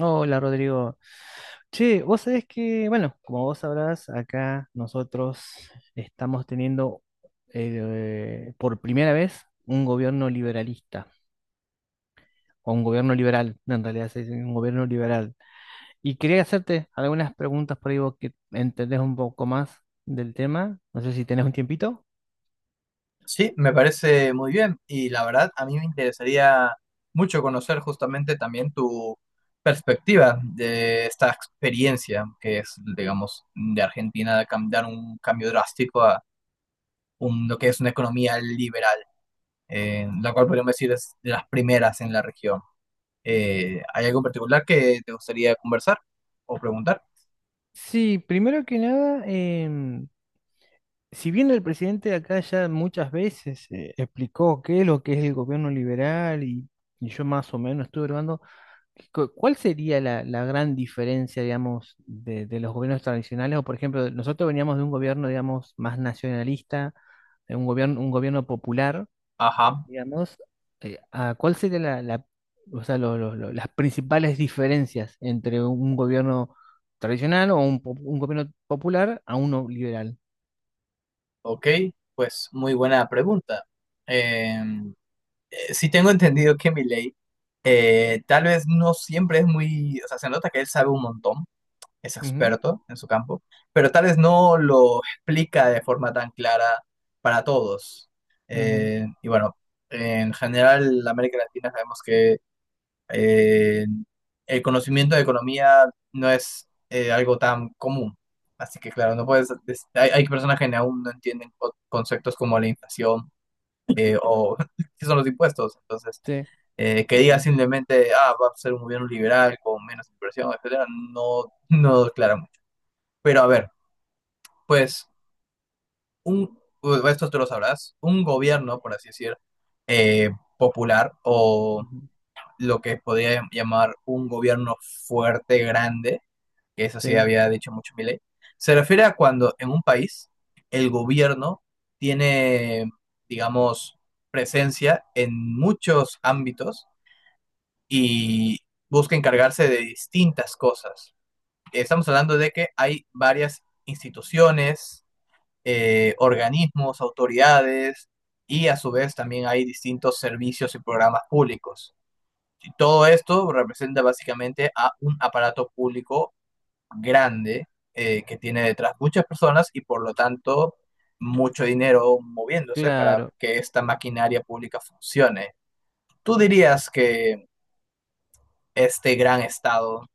Hola Rodrigo. Che, vos sabés que, bueno, como vos sabrás, acá nosotros estamos teniendo por primera vez un gobierno liberalista, o un gobierno liberal, en realidad se dice un gobierno liberal. Y quería hacerte algunas preguntas por ahí vos que entendés un poco más del tema. No sé si tenés un tiempito. Sí, me parece muy bien y la verdad a mí me interesaría mucho conocer justamente también tu perspectiva de esta experiencia que es, digamos, de Argentina de dar un cambio drástico a lo que es una economía liberal, la cual podríamos decir es de las primeras en la región. ¿Hay algo en particular que te gustaría conversar o preguntar? Sí, primero que nada, si bien el presidente de acá ya muchas veces explicó qué es lo que es el gobierno liberal y yo más o menos estuve hablando. ¿Cuál sería la gran diferencia, digamos, de los gobiernos tradicionales? O, por ejemplo, nosotros veníamos de un gobierno, digamos, más nacionalista, de un gobierno popular, Ajá, digamos. ¿A ¿cuál sería o sea, las principales diferencias entre un gobierno tradicional o un gobierno popular a uno liberal? ok, pues muy buena pregunta. Sí tengo entendido que Milei tal vez no siempre es muy, o sea, se nota que él sabe un montón, es Ujú, experto en su campo, pero tal vez no lo explica de forma tan clara para todos. ujú. Y bueno, en general, la América Latina sabemos que eh, el conocimiento de economía no es algo tan común. Así que claro, no puedes, hay, hay personas que aún no entienden conceptos como la inflación o qué son los impuestos. Entonces, Sí, que sí, sí. diga simplemente, ah, va a ser un gobierno liberal con menos inversión, etcétera, no, no declara mucho. Pero a ver, pues, esto tú lo sabrás, un gobierno, por así decir, eh, popular o Ujú, lo que podría llamar un gobierno fuerte, grande, que eso sí sí, había dicho mucho Milei, se refiere a cuando en un país el gobierno tiene, digamos, presencia en muchos ámbitos y busca encargarse de distintas cosas. Estamos hablando de que hay varias instituciones, organismos, autoridades y a su vez también hay distintos servicios y programas públicos. Y todo esto representa básicamente a un aparato público grande que tiene detrás muchas personas y por lo tanto mucho dinero moviéndose para claro. que esta maquinaria pública funcione. ¿Tú dirías que este gran Estado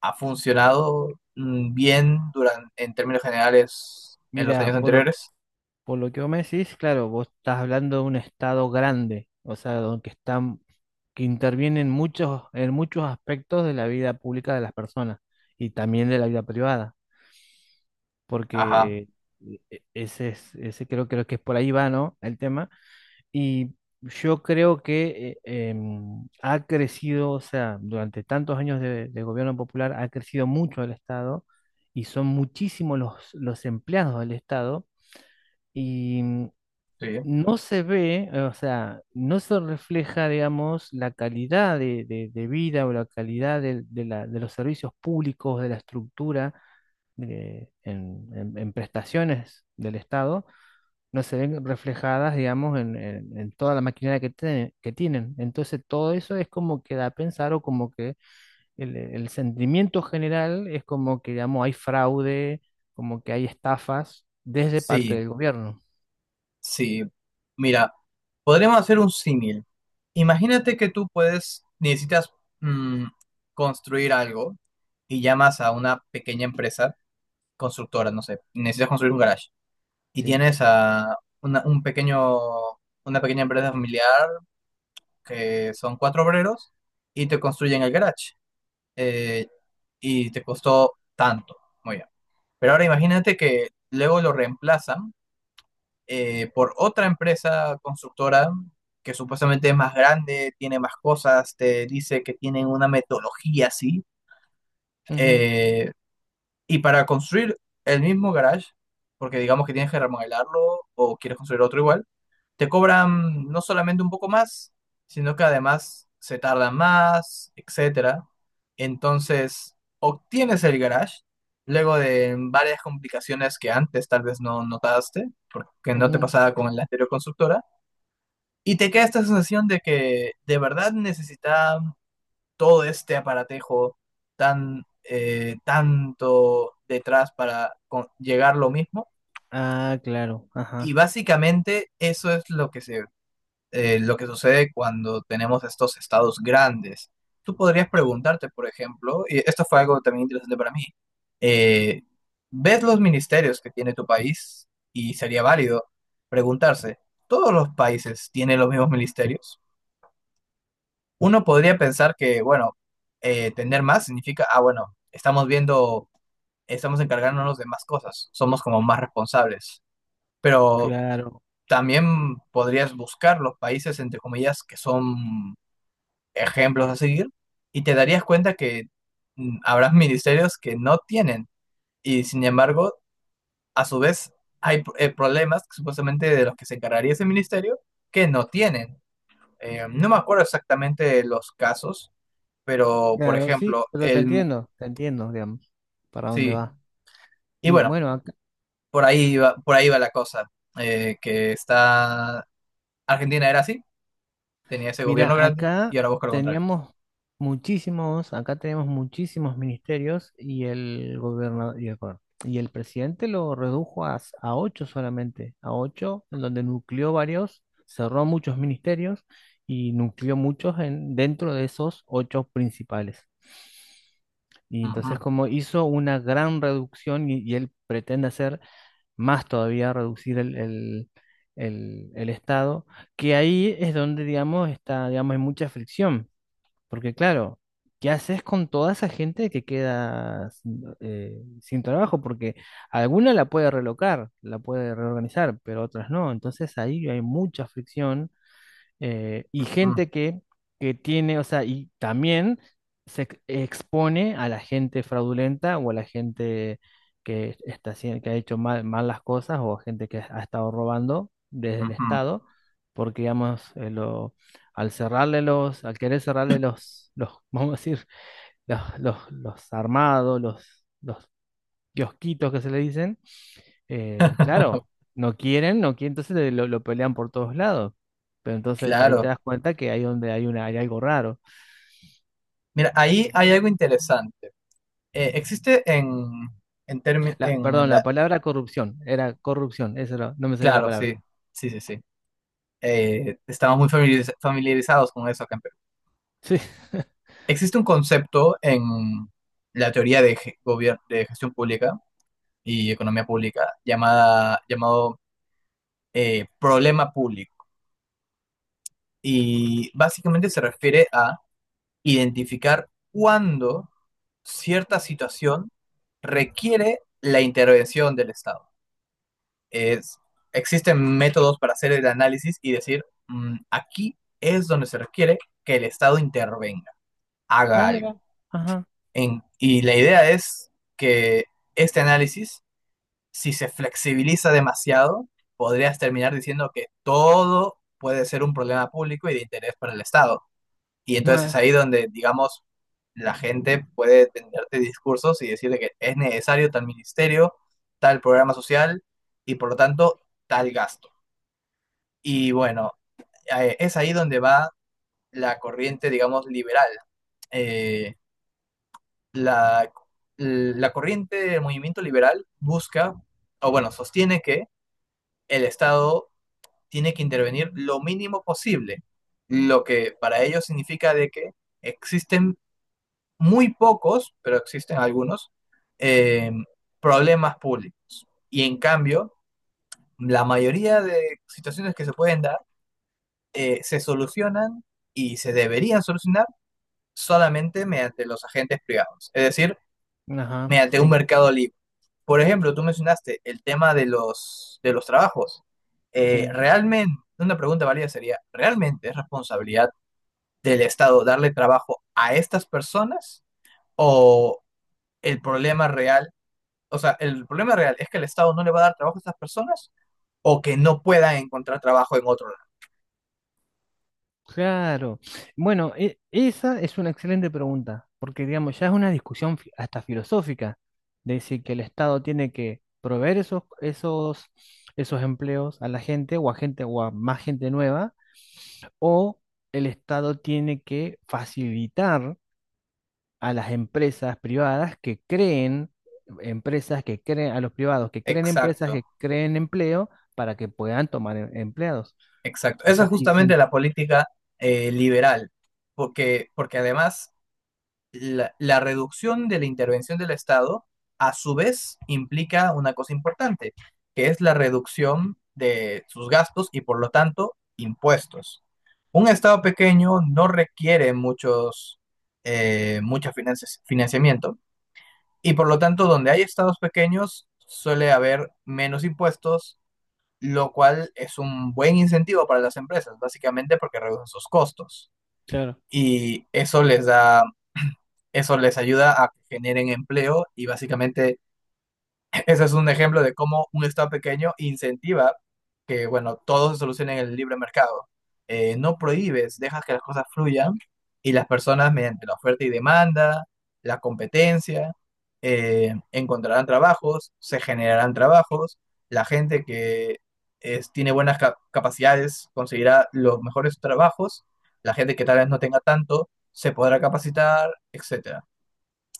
ha funcionado bien durante, en términos generales en los Mira, años por lo, anteriores? por lo que vos me decís, claro, vos estás hablando de un estado grande, o sea, donde están, que intervienen muchos, en muchos aspectos de la vida pública de las personas y también de la vida privada, porque Ajá, ese es, creo que es por ahí va, ¿no? El tema. Y yo creo que ha crecido, o sea, durante tantos años de gobierno popular ha crecido mucho el Estado y son muchísimos los empleados del Estado y sí. no se ve, o sea, no se refleja, digamos, la calidad de, de vida o la calidad de los servicios públicos, de la estructura, en en prestaciones del Estado no se ven reflejadas, digamos, en toda la maquinaria que tienen. Entonces, todo eso es como que da a pensar o como que el sentimiento general es como que, digamos, hay fraude, como que hay estafas desde parte Sí, del gobierno. sí. Mira, podríamos hacer un símil. Imagínate que tú puedes, necesitas mm, construir algo y llamas a una pequeña empresa constructora, no sé, necesitas construir un garage y Sí. tienes a una, un pequeño, una pequeña empresa familiar que son cuatro obreros y te construyen el garage. eh, y te costó tanto. Muy bien. Pero ahora imagínate que luego lo reemplazan por otra empresa constructora que supuestamente es más grande, tiene más cosas, te dice que tienen una metodología así. Ujú, eh, y para construir el mismo garage, porque digamos que tienes que remodelarlo o quieres construir otro igual, te cobran no solamente un poco más, sino que además se tardan más, etcétera. Entonces, obtienes el garage luego de varias complicaciones que antes tal vez no notaste, porque no te ujú. pasaba con la anterior constructora, y te queda esta sensación de que de verdad necesita todo este aparatejo tan tanto detrás para llegar lo mismo. Ah, claro, Y ajá, básicamente eso es lo que se lo que sucede cuando tenemos estos estados grandes. Tú podrías preguntarte, por ejemplo, y esto fue algo también interesante para mí, eh, ves los ministerios que tiene tu país y sería válido preguntarse, ¿todos los países tienen los mismos ministerios? Uno podría pensar que, bueno, tener más significa, ah, bueno, estamos viendo, estamos encargándonos de más cosas, somos como más responsables, pero claro, también podrías buscar los países, entre comillas, que son ejemplos a seguir y te darías cuenta que habrá ministerios que no tienen y sin embargo, a su vez, hay problemas supuestamente de los que se encargaría ese ministerio que no tienen. No me acuerdo exactamente de los casos, pero por claro, sí, ejemplo, pero el... te entiendo, digamos, para dónde Sí, va. y Y bueno, bueno, acá por ahí va la cosa, que está... Argentina era así, tenía ese gobierno Mira, grande y ahora busca lo contrario. teníamos acá tenemos muchísimos ministerios y el gobernador y el presidente lo redujo a ocho solamente, a ocho, en donde nucleó varios, cerró muchos ministerios y nucleó muchos dentro de esos ocho principales. Y Ujú, entonces como hizo una gran reducción y él pretende hacer más todavía reducir el Estado, que ahí es donde, digamos, está, digamos, hay mucha fricción, porque claro, ¿qué haces con toda esa gente que queda sin trabajo? Porque alguna la puede relocar, la puede reorganizar, pero otras no, entonces ahí hay mucha fricción y ujú, gente que tiene, o sea, y también se expone a la gente fraudulenta o a la gente que está haciendo, que ha hecho mal, mal las cosas o a gente que ha estado robando desde el ujú. Estado, porque digamos, al querer cerrarle los, vamos a decir, los armados, los kiosquitos que se le dicen claro, no quieren, no quieren, entonces lo pelean por todos lados. Pero entonces ahí te Claro. das cuenta que ahí donde hay hay algo raro. Mira, ahí hay algo interesante. Existe La, en perdón, la la... palabra corrupción, era corrupción, no me salía la Claro, palabra. sí, sí, sí, sí. Estamos muy familiarizados con eso acá en Perú. Sí. Existe un concepto en la teoría de, de gestión pública y economía pública llamada, llamado problema público. Y básicamente se refiere a identificar cuándo cierta situación requiere la intervención del Estado. es, Existen métodos para hacer el análisis y decir, mm, aquí es donde se requiere que el Estado intervenga, haga Ah, mira. algo. Ajá. Y la idea es que este análisis, si se flexibiliza demasiado, podrías terminar diciendo que todo puede ser un problema público y de interés para el Estado. Y entonces es Ah, ahí donde, digamos, la gente puede tenderte discursos y decirle que es necesario tal ministerio, tal programa social y por lo tanto tal gasto. Y bueno, es ahí donde va la corriente, digamos, liberal. Eh, la, la corriente del movimiento liberal busca, o bueno, sostiene que el Estado tiene que intervenir lo mínimo posible, lo que para ellos significa de que existen muy pocos, pero existen algunos, eh, problemas públicos. Y en cambio, la mayoría de situaciones que se pueden dar se solucionan y se deberían solucionar solamente mediante los agentes privados, es decir, ajá. mediante un Sí. mercado libre. Por ejemplo, tú mencionaste el tema de de los trabajos. Sí. Realmente, una pregunta válida sería, ¿realmente es responsabilidad del Estado darle trabajo a estas personas? ¿O el problema real, o sea, el problema real es que el Estado no le va a dar trabajo a estas personas o que no puedan encontrar trabajo en otro lado? Claro. Bueno, esa es una excelente pregunta, porque digamos, ya es una discusión hasta filosófica, de decir que el Estado tiene que proveer esos empleos a la gente o a más gente nueva o el Estado tiene que facilitar a las empresas privadas que creen empresas que creen, a los privados que creen empresas que Exacto. creen empleo para que puedan tomar empleados. Exacto. O Esa es sea, justamente la política liberal, porque, porque además la reducción de la intervención del Estado a su vez implica una cosa importante, que es la reducción de sus gastos y por lo tanto impuestos. Un Estado pequeño no requiere muchos, mucho financiamiento y por lo tanto donde hay Estados pequeños suele haber menos impuestos, lo cual es un buen incentivo para las empresas, básicamente porque reducen sus costos claro. y eso les da, eso les ayuda a que generen empleo y básicamente ese es un ejemplo de cómo un Estado pequeño incentiva que, bueno, todo se solucione en el libre mercado. No prohíbes, dejas que las cosas fluyan y las personas, mediante la oferta y demanda, la competencia, encontrarán trabajos, se generarán trabajos, la gente que tiene buenas capacidades conseguirá los mejores trabajos, la gente que tal vez no tenga tanto se podrá capacitar, etcétera.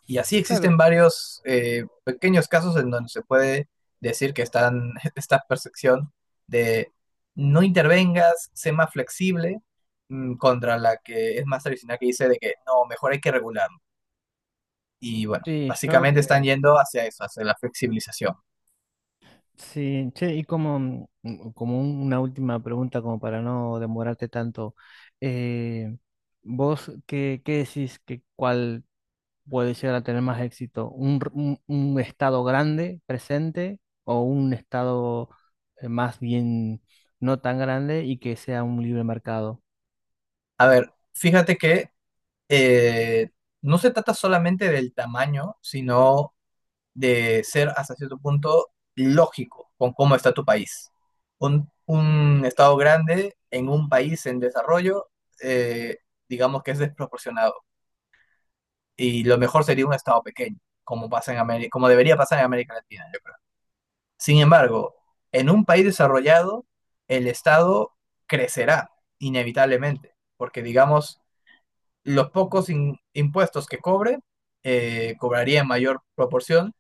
Y así existen Claro, varios pequeños casos en donde se puede decir que están esta percepción de no intervengas, sé más flexible, mm, contra la que es más tradicional que dice de que no, mejor hay que regularlo. Y bueno, sí, yo básicamente están yendo hacia eso, hacia la flexibilización. sí, che, y como, como una última pregunta, como para no demorarte tanto, eh, ¿vos qué, decís que cuál? Puede llegar a tener más éxito. Un estado grande, presente, o un estado más bien no tan grande y que sea un libre mercado. A ver, fíjate que eh, no se trata solamente del tamaño, sino de ser hasta cierto punto lógico con cómo está tu país. Un Estado grande en un país en desarrollo, eh, digamos que es desproporcionado. Y lo mejor sería un Estado pequeño, como, pasa en América, como debería pasar en América Latina, yo creo. Sin embargo, en un país desarrollado, el Estado crecerá inevitablemente, porque digamos, los pocos impuestos que cobre, cobraría en mayor proporción.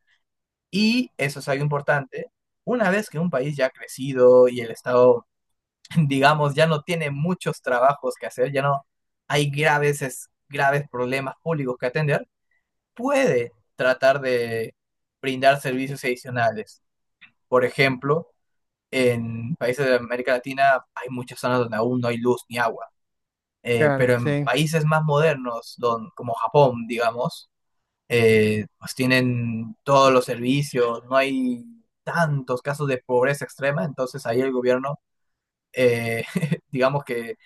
Y eso es algo importante. Una vez que un país ya ha crecido y el Estado, digamos, ya no tiene muchos trabajos que hacer, ya no hay graves, graves problemas públicos que atender, puede tratar de brindar servicios adicionales. Por ejemplo, en países de América Latina hay muchas zonas donde aún no hay luz ni agua. Pero Claro, en sí. países más modernos, como Japón, digamos, pues tienen todos los servicios, no hay tantos casos de pobreza extrema, entonces ahí el gobierno, eh, digamos que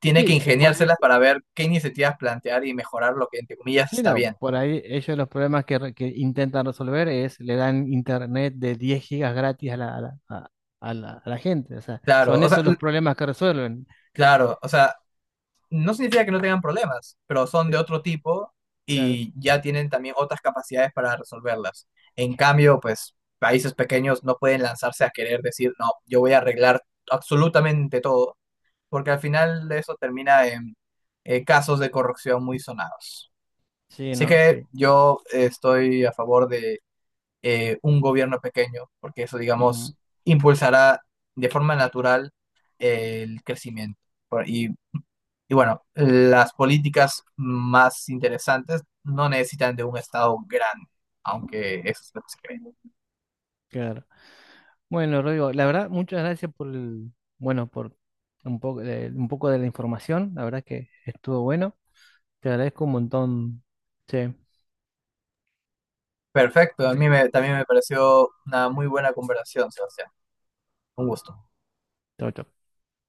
tiene que Sí, por ahí, ingeniárselas para ver qué iniciativas plantear y mejorar lo que entre comillas sí, está no, bien. por ahí ellos los problemas que intentan resolver es le dan internet de 10 gigas gratis a la gente. O sea, Claro, son o sea, esos los problemas que resuelven. claro, o sea, no significa que no tengan problemas, pero son de Sí, otro tipo claro. y ya tienen también otras capacidades para resolverlas. En cambio, pues países pequeños no pueden lanzarse a querer decir, no, yo voy a arreglar absolutamente todo porque al final de eso termina en casos de corrupción muy sonados. Sí, Así no, que sí. yo estoy a favor de un gobierno pequeño, porque eso, Ujú, digamos, impulsará de forma natural el crecimiento. Por- Y, y bueno, las políticas más interesantes no necesitan de un Estado grande, aunque eso es lo que se cree. claro. Bueno, Rodrigo, la verdad, muchas gracias por un poco de la información. La verdad que estuvo bueno. Te agradezco un montón. Sí, Perfecto, a mí también me pareció una muy buena conversación, Sebastián. Un gusto. chao, chao.